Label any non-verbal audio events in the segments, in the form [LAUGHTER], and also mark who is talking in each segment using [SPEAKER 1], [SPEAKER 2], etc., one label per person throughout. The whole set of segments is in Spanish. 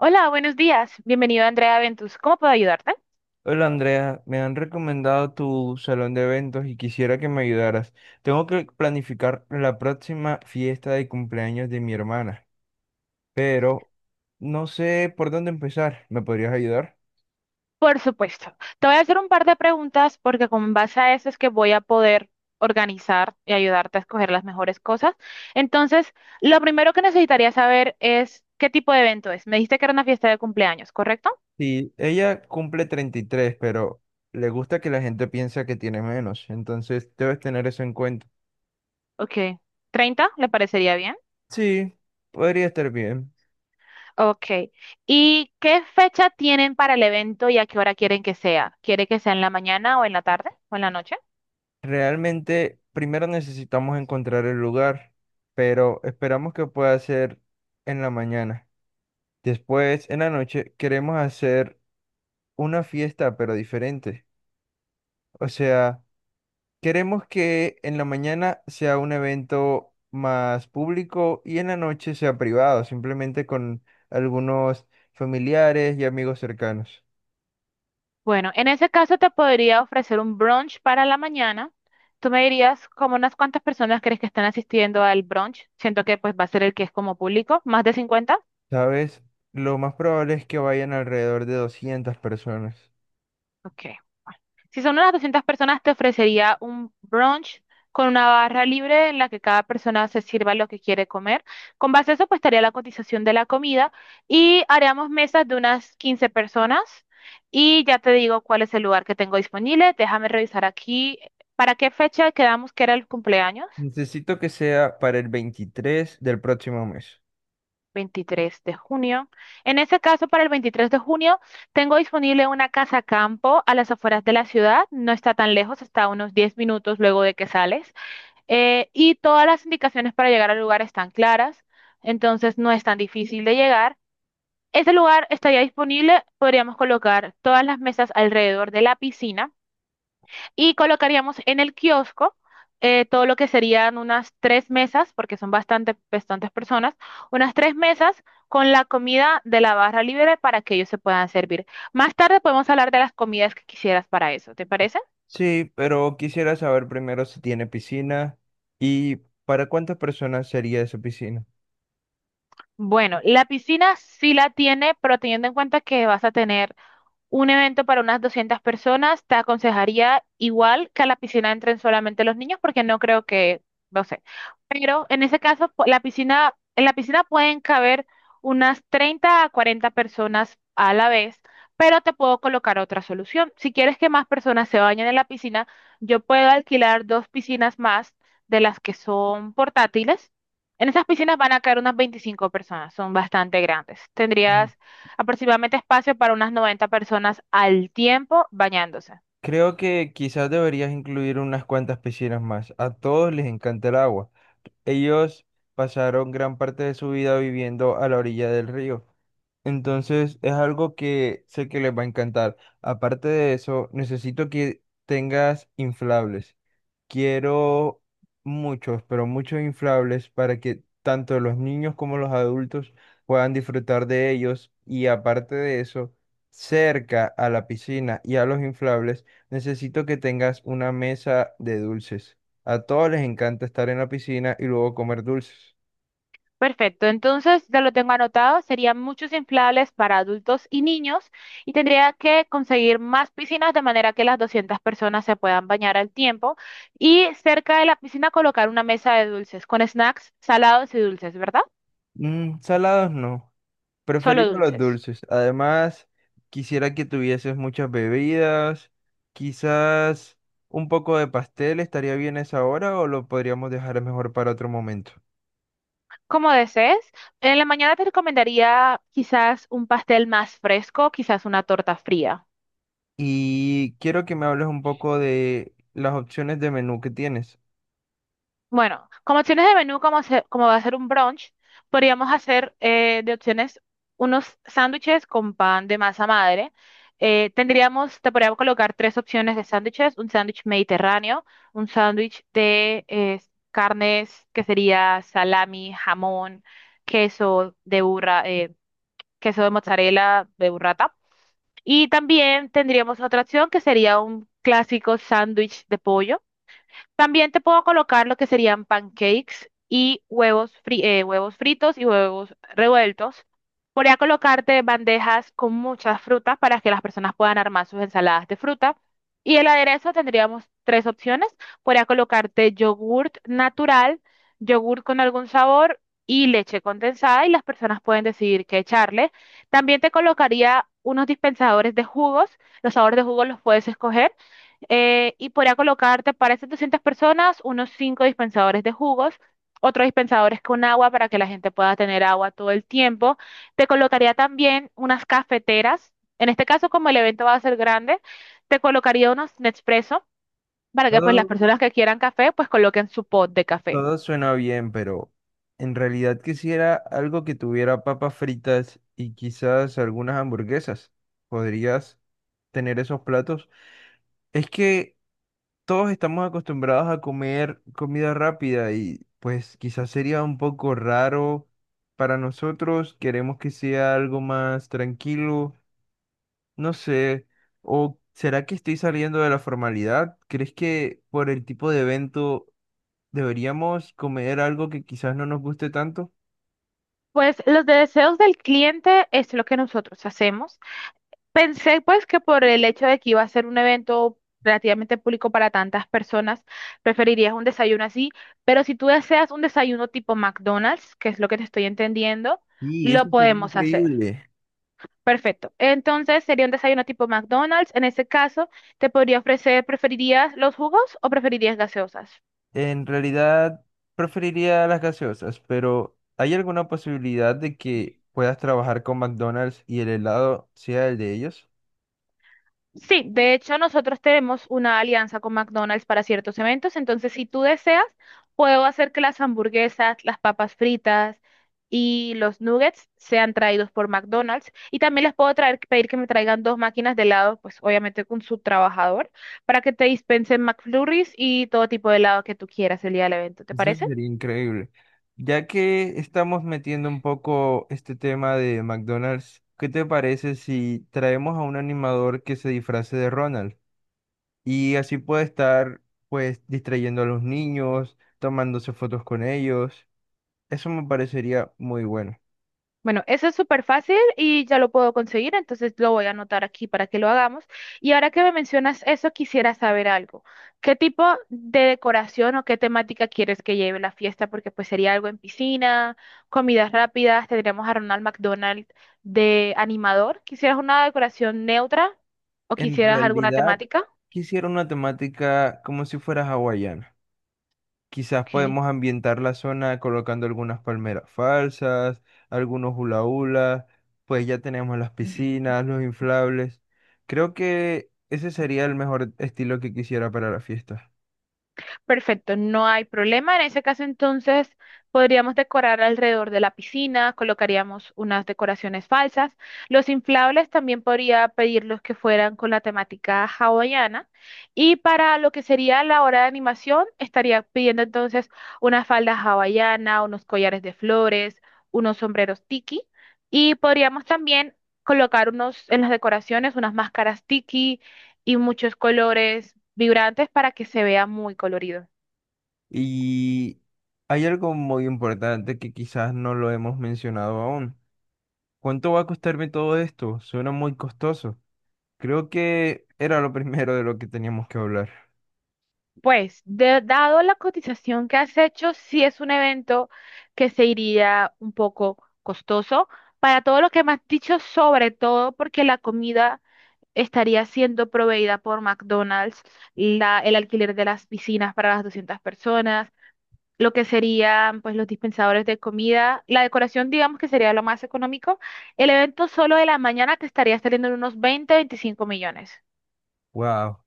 [SPEAKER 1] Hola, buenos días. Bienvenido a Andrea Ventus. ¿Cómo puedo ayudarte?
[SPEAKER 2] Hola Andrea, me han recomendado tu salón de eventos y quisiera que me ayudaras. Tengo que planificar la próxima fiesta de cumpleaños de mi hermana, pero no sé por dónde empezar. ¿Me podrías ayudar?
[SPEAKER 1] Por supuesto. Te voy a hacer un par de preguntas porque con base a eso es que voy a poder organizar y ayudarte a escoger las mejores cosas. Entonces, lo primero que necesitaría saber es qué tipo de evento es. Me dijiste que era una fiesta de cumpleaños, ¿correcto?
[SPEAKER 2] Sí, ella cumple 33, pero le gusta que la gente piensa que tiene menos, entonces debes tener eso en cuenta.
[SPEAKER 1] Ok. 30, ¿le parecería bien?
[SPEAKER 2] Sí, podría estar bien.
[SPEAKER 1] Ok. ¿Y qué fecha tienen para el evento y a qué hora quieren que sea? ¿Quiere que sea en la mañana o en la tarde o en la noche?
[SPEAKER 2] Realmente, primero necesitamos encontrar el lugar, pero esperamos que pueda ser en la mañana. Después, en la noche, queremos hacer una fiesta, pero diferente. O sea, queremos que en la mañana sea un evento más público y en la noche sea privado, simplemente con algunos familiares y amigos cercanos.
[SPEAKER 1] Bueno, en ese caso te podría ofrecer un brunch para la mañana. Tú me dirías como unas cuantas personas crees que están asistiendo al brunch. Siento que pues va a ser el que es como público, más de 50.
[SPEAKER 2] ¿Sabes? Lo más probable es que vayan alrededor de 200 personas.
[SPEAKER 1] Ok, bueno. Si son unas 200 personas, te ofrecería un brunch con una barra libre en la que cada persona se sirva lo que quiere comer. Con base a eso, pues estaría la cotización de la comida y haríamos mesas de unas 15 personas. Y ya te digo cuál es el lugar que tengo disponible. Déjame revisar aquí. ¿Para qué fecha quedamos que era el cumpleaños?
[SPEAKER 2] Necesito que sea para el 23 del próximo mes.
[SPEAKER 1] 23 de junio. En ese caso, para el 23 de junio, tengo disponible una casa campo a las afueras de la ciudad. No está tan lejos, está a unos 10 minutos luego de que sales. Y todas las indicaciones para llegar al lugar están claras, entonces no es tan difícil de llegar. Ese lugar estaría disponible, podríamos colocar todas las mesas alrededor de la piscina y colocaríamos en el kiosco todo lo que serían unas tres mesas, porque son bastantes personas, unas tres mesas con la comida de la barra libre para que ellos se puedan servir. Más tarde podemos hablar de las comidas que quisieras para eso, ¿te parece?
[SPEAKER 2] Sí, pero quisiera saber primero si tiene piscina y para cuántas personas sería esa piscina.
[SPEAKER 1] Bueno, la piscina sí la tiene, pero teniendo en cuenta que vas a tener un evento para unas 200 personas, te aconsejaría igual que a la piscina entren solamente los niños porque no creo que, no sé. Pero en ese caso, la piscina, en la piscina pueden caber unas 30 a 40 personas a la vez, pero te puedo colocar otra solución. Si quieres que más personas se bañen en la piscina, yo puedo alquilar dos piscinas más de las que son portátiles. En esas piscinas van a caer unas 25 personas, son bastante grandes.
[SPEAKER 2] Mm.
[SPEAKER 1] Tendrías aproximadamente espacio para unas 90 personas al tiempo bañándose.
[SPEAKER 2] Creo que quizás deberías incluir unas cuantas piscinas más. A todos les encanta el agua. Ellos pasaron gran parte de su vida viviendo a la orilla del río. Entonces es algo que sé que les va a encantar. Aparte de eso, necesito que tengas inflables. Quiero muchos, pero muchos inflables para que tanto los niños como los adultos puedan disfrutar de ellos. Y aparte de eso, cerca a la piscina y a los inflables, necesito que tengas una mesa de dulces. A todos les encanta estar en la piscina y luego comer dulces.
[SPEAKER 1] Perfecto, entonces ya lo tengo anotado, serían muchos inflables para adultos y niños y tendría que conseguir más piscinas de manera que las 200 personas se puedan bañar al tiempo y cerca de la piscina colocar una mesa de dulces con snacks salados y dulces, ¿verdad?
[SPEAKER 2] Mm, salados no.
[SPEAKER 1] Solo
[SPEAKER 2] Preferimos los
[SPEAKER 1] dulces.
[SPEAKER 2] dulces. Además, quisiera que tuvieses muchas bebidas. Quizás un poco de pastel estaría bien esa hora o lo podríamos dejar mejor para otro momento.
[SPEAKER 1] Como desees, en la mañana te recomendaría quizás un pastel más fresco, quizás una torta fría.
[SPEAKER 2] Y quiero que me hables un poco de las opciones de menú que tienes.
[SPEAKER 1] Bueno, como opciones de menú, como, como va a ser un brunch, podríamos hacer de opciones unos sándwiches con pan de masa madre. Tendríamos, te podríamos colocar tres opciones de sándwiches, un sándwich mediterráneo, un sándwich de carnes que sería salami, jamón, queso de burra, queso de mozzarella de burrata. Y también tendríamos otra opción que sería un clásico sándwich de pollo. También te puedo colocar lo que serían pancakes y huevos, huevos fritos y huevos revueltos. Podría colocarte bandejas con muchas frutas para que las personas puedan armar sus ensaladas de fruta. Y el aderezo tendríamos tres opciones. Podría colocarte yogurt natural, yogurt con algún sabor y leche condensada y las personas pueden decidir qué echarle. También te colocaría unos dispensadores de jugos. Los sabores de jugos los puedes escoger y podría colocarte para esas 200 personas unos 5 dispensadores de jugos, otros dispensadores con agua para que la gente pueda tener agua todo el tiempo. Te colocaría también unas cafeteras. En este caso, como el evento va a ser grande, te colocaría unos Nespresso para que pues las
[SPEAKER 2] Todo,
[SPEAKER 1] personas que quieran café pues coloquen su pot de café.
[SPEAKER 2] todo suena bien, pero en realidad quisiera algo que tuviera papas fritas y quizás algunas hamburguesas. ¿Podrías tener esos platos? Es que todos estamos acostumbrados a comer comida rápida y pues quizás sería un poco raro para nosotros, queremos que sea algo más tranquilo, no sé, o ¿será que estoy saliendo de la formalidad? ¿Crees que por el tipo de evento deberíamos comer algo que quizás no nos guste tanto?
[SPEAKER 1] Pues los deseos del cliente es lo que nosotros hacemos. Pensé pues que por el hecho de que iba a ser un evento relativamente público para tantas personas, preferirías un desayuno así, pero si tú deseas un desayuno tipo McDonald's, que es lo que te estoy entendiendo,
[SPEAKER 2] Sí,
[SPEAKER 1] lo
[SPEAKER 2] eso sería
[SPEAKER 1] podemos hacer.
[SPEAKER 2] increíble.
[SPEAKER 1] Perfecto. Entonces sería un desayuno tipo McDonald's. En ese caso, te podría ofrecer, ¿preferirías los jugos o preferirías gaseosas?
[SPEAKER 2] En realidad preferiría las gaseosas, pero ¿hay alguna posibilidad de que puedas trabajar con McDonald's y el helado sea el de ellos?
[SPEAKER 1] Sí, de hecho nosotros tenemos una alianza con McDonald's para ciertos eventos, entonces si tú deseas, puedo hacer que las hamburguesas, las papas fritas y los nuggets sean traídos por McDonald's y también les puedo traer, pedir que me traigan dos máquinas de helado, pues obviamente con su trabajador, para que te dispensen McFlurries y todo tipo de helado que tú quieras el día del evento, ¿te
[SPEAKER 2] Eso
[SPEAKER 1] parece?
[SPEAKER 2] sería increíble. Ya que estamos metiendo un poco este tema de McDonald's, ¿qué te parece si traemos a un animador que se disfrace de Ronald? Y así puede estar pues distrayendo a los niños, tomándose fotos con ellos. Eso me parecería muy bueno.
[SPEAKER 1] Bueno, eso es súper fácil y ya lo puedo conseguir, entonces lo voy a anotar aquí para que lo hagamos. Y ahora que me mencionas eso, quisiera saber algo. ¿Qué tipo de decoración o qué temática quieres que lleve la fiesta? Porque pues sería algo en piscina, comidas rápidas, tendríamos a Ronald McDonald de animador. ¿Quisieras una decoración neutra o
[SPEAKER 2] En
[SPEAKER 1] quisieras alguna
[SPEAKER 2] realidad,
[SPEAKER 1] temática?
[SPEAKER 2] quisiera una temática como si fuera hawaiana. Quizás
[SPEAKER 1] Ok.
[SPEAKER 2] podemos ambientar la zona colocando algunas palmeras falsas, algunos hula hula, pues ya tenemos las piscinas, los inflables. Creo que ese sería el mejor estilo que quisiera para la fiesta.
[SPEAKER 1] Perfecto, no hay problema. En ese caso, entonces, podríamos decorar alrededor de la piscina, colocaríamos unas decoraciones falsas. Los inflables también podría pedirlos que fueran con la temática hawaiana. Y para lo que sería la hora de animación, estaría pidiendo entonces una falda hawaiana, unos collares de flores, unos sombreros tiki. Y podríamos también colocar unos, en las decoraciones unas máscaras tiki y muchos colores vibrantes para que se vea muy colorido.
[SPEAKER 2] Y hay algo muy importante que quizás no lo hemos mencionado aún. ¿Cuánto va a costarme todo esto? Suena muy costoso. Creo que era lo [LAUGHS] primero de lo que teníamos que hablar.
[SPEAKER 1] Dado la cotización que has hecho, sí es un evento que se iría un poco costoso para todo lo que me has dicho, sobre todo porque la comida estaría siendo proveída por McDonald's, el alquiler de las piscinas para las 200 personas, lo que serían pues los dispensadores de comida, la decoración digamos que sería lo más económico. El evento solo de la mañana te estaría saliendo en unos 20, 25 millones.
[SPEAKER 2] Wow,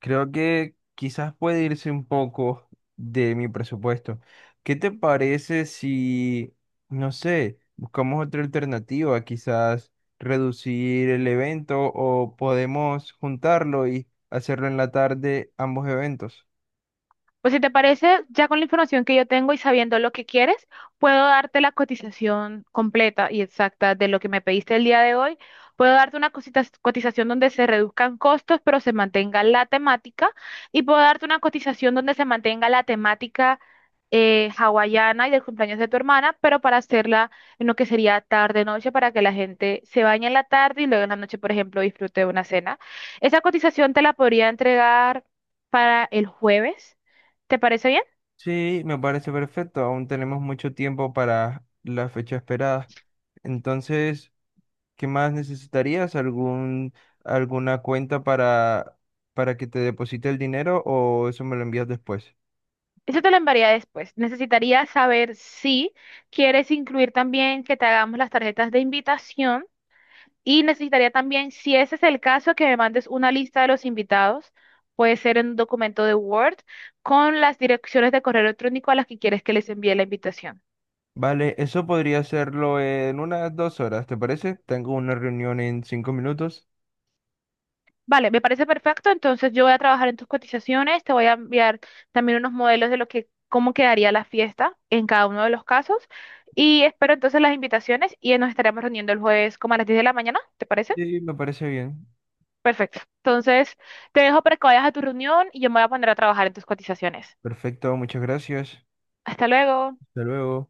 [SPEAKER 2] creo que quizás puede irse un poco de mi presupuesto. ¿Qué te parece si, no sé, buscamos otra alternativa, quizás reducir el evento o podemos juntarlo y hacerlo en la tarde, ambos eventos?
[SPEAKER 1] Pues si te parece, ya con la información que yo tengo y sabiendo lo que quieres, puedo darte la cotización completa y exacta de lo que me pediste el día de hoy. Puedo darte una cotización donde se reduzcan costos, pero se mantenga la temática. Y puedo darte una cotización donde se mantenga la temática hawaiana y del cumpleaños de tu hermana, pero para hacerla en lo que sería tarde-noche, para que la gente se bañe en la tarde y luego en la noche, por ejemplo, disfrute de una cena. Esa cotización te la podría entregar para el jueves. ¿Te parece bien?
[SPEAKER 2] Sí, me parece perfecto, aún tenemos mucho tiempo para la fecha esperada. Entonces. ¿Qué más necesitarías? ¿Alguna cuenta para, que te deposite el dinero o eso me lo envías después?
[SPEAKER 1] Eso te lo enviaría después. Necesitaría saber si quieres incluir también que te hagamos las tarjetas de invitación y necesitaría también, si ese es el caso, que me mandes una lista de los invitados. Puede ser en un documento de Word con las direcciones de correo electrónico a las que quieres que les envíe la invitación.
[SPEAKER 2] Vale, eso podría hacerlo en unas 2 horas, ¿te parece? Tengo una reunión en 5 minutos.
[SPEAKER 1] Vale, me parece perfecto. Entonces yo voy a trabajar en tus cotizaciones, te voy a enviar también unos modelos de lo que, cómo quedaría la fiesta en cada uno de los casos. Y espero entonces las invitaciones y nos estaremos reuniendo el jueves como a las 10 de la mañana, ¿te parece?
[SPEAKER 2] Sí, me parece bien.
[SPEAKER 1] Perfecto. Entonces te dejo para que vayas a tu reunión y yo me voy a poner a trabajar en tus cotizaciones.
[SPEAKER 2] Perfecto, muchas gracias.
[SPEAKER 1] Hasta luego.
[SPEAKER 2] Hasta luego.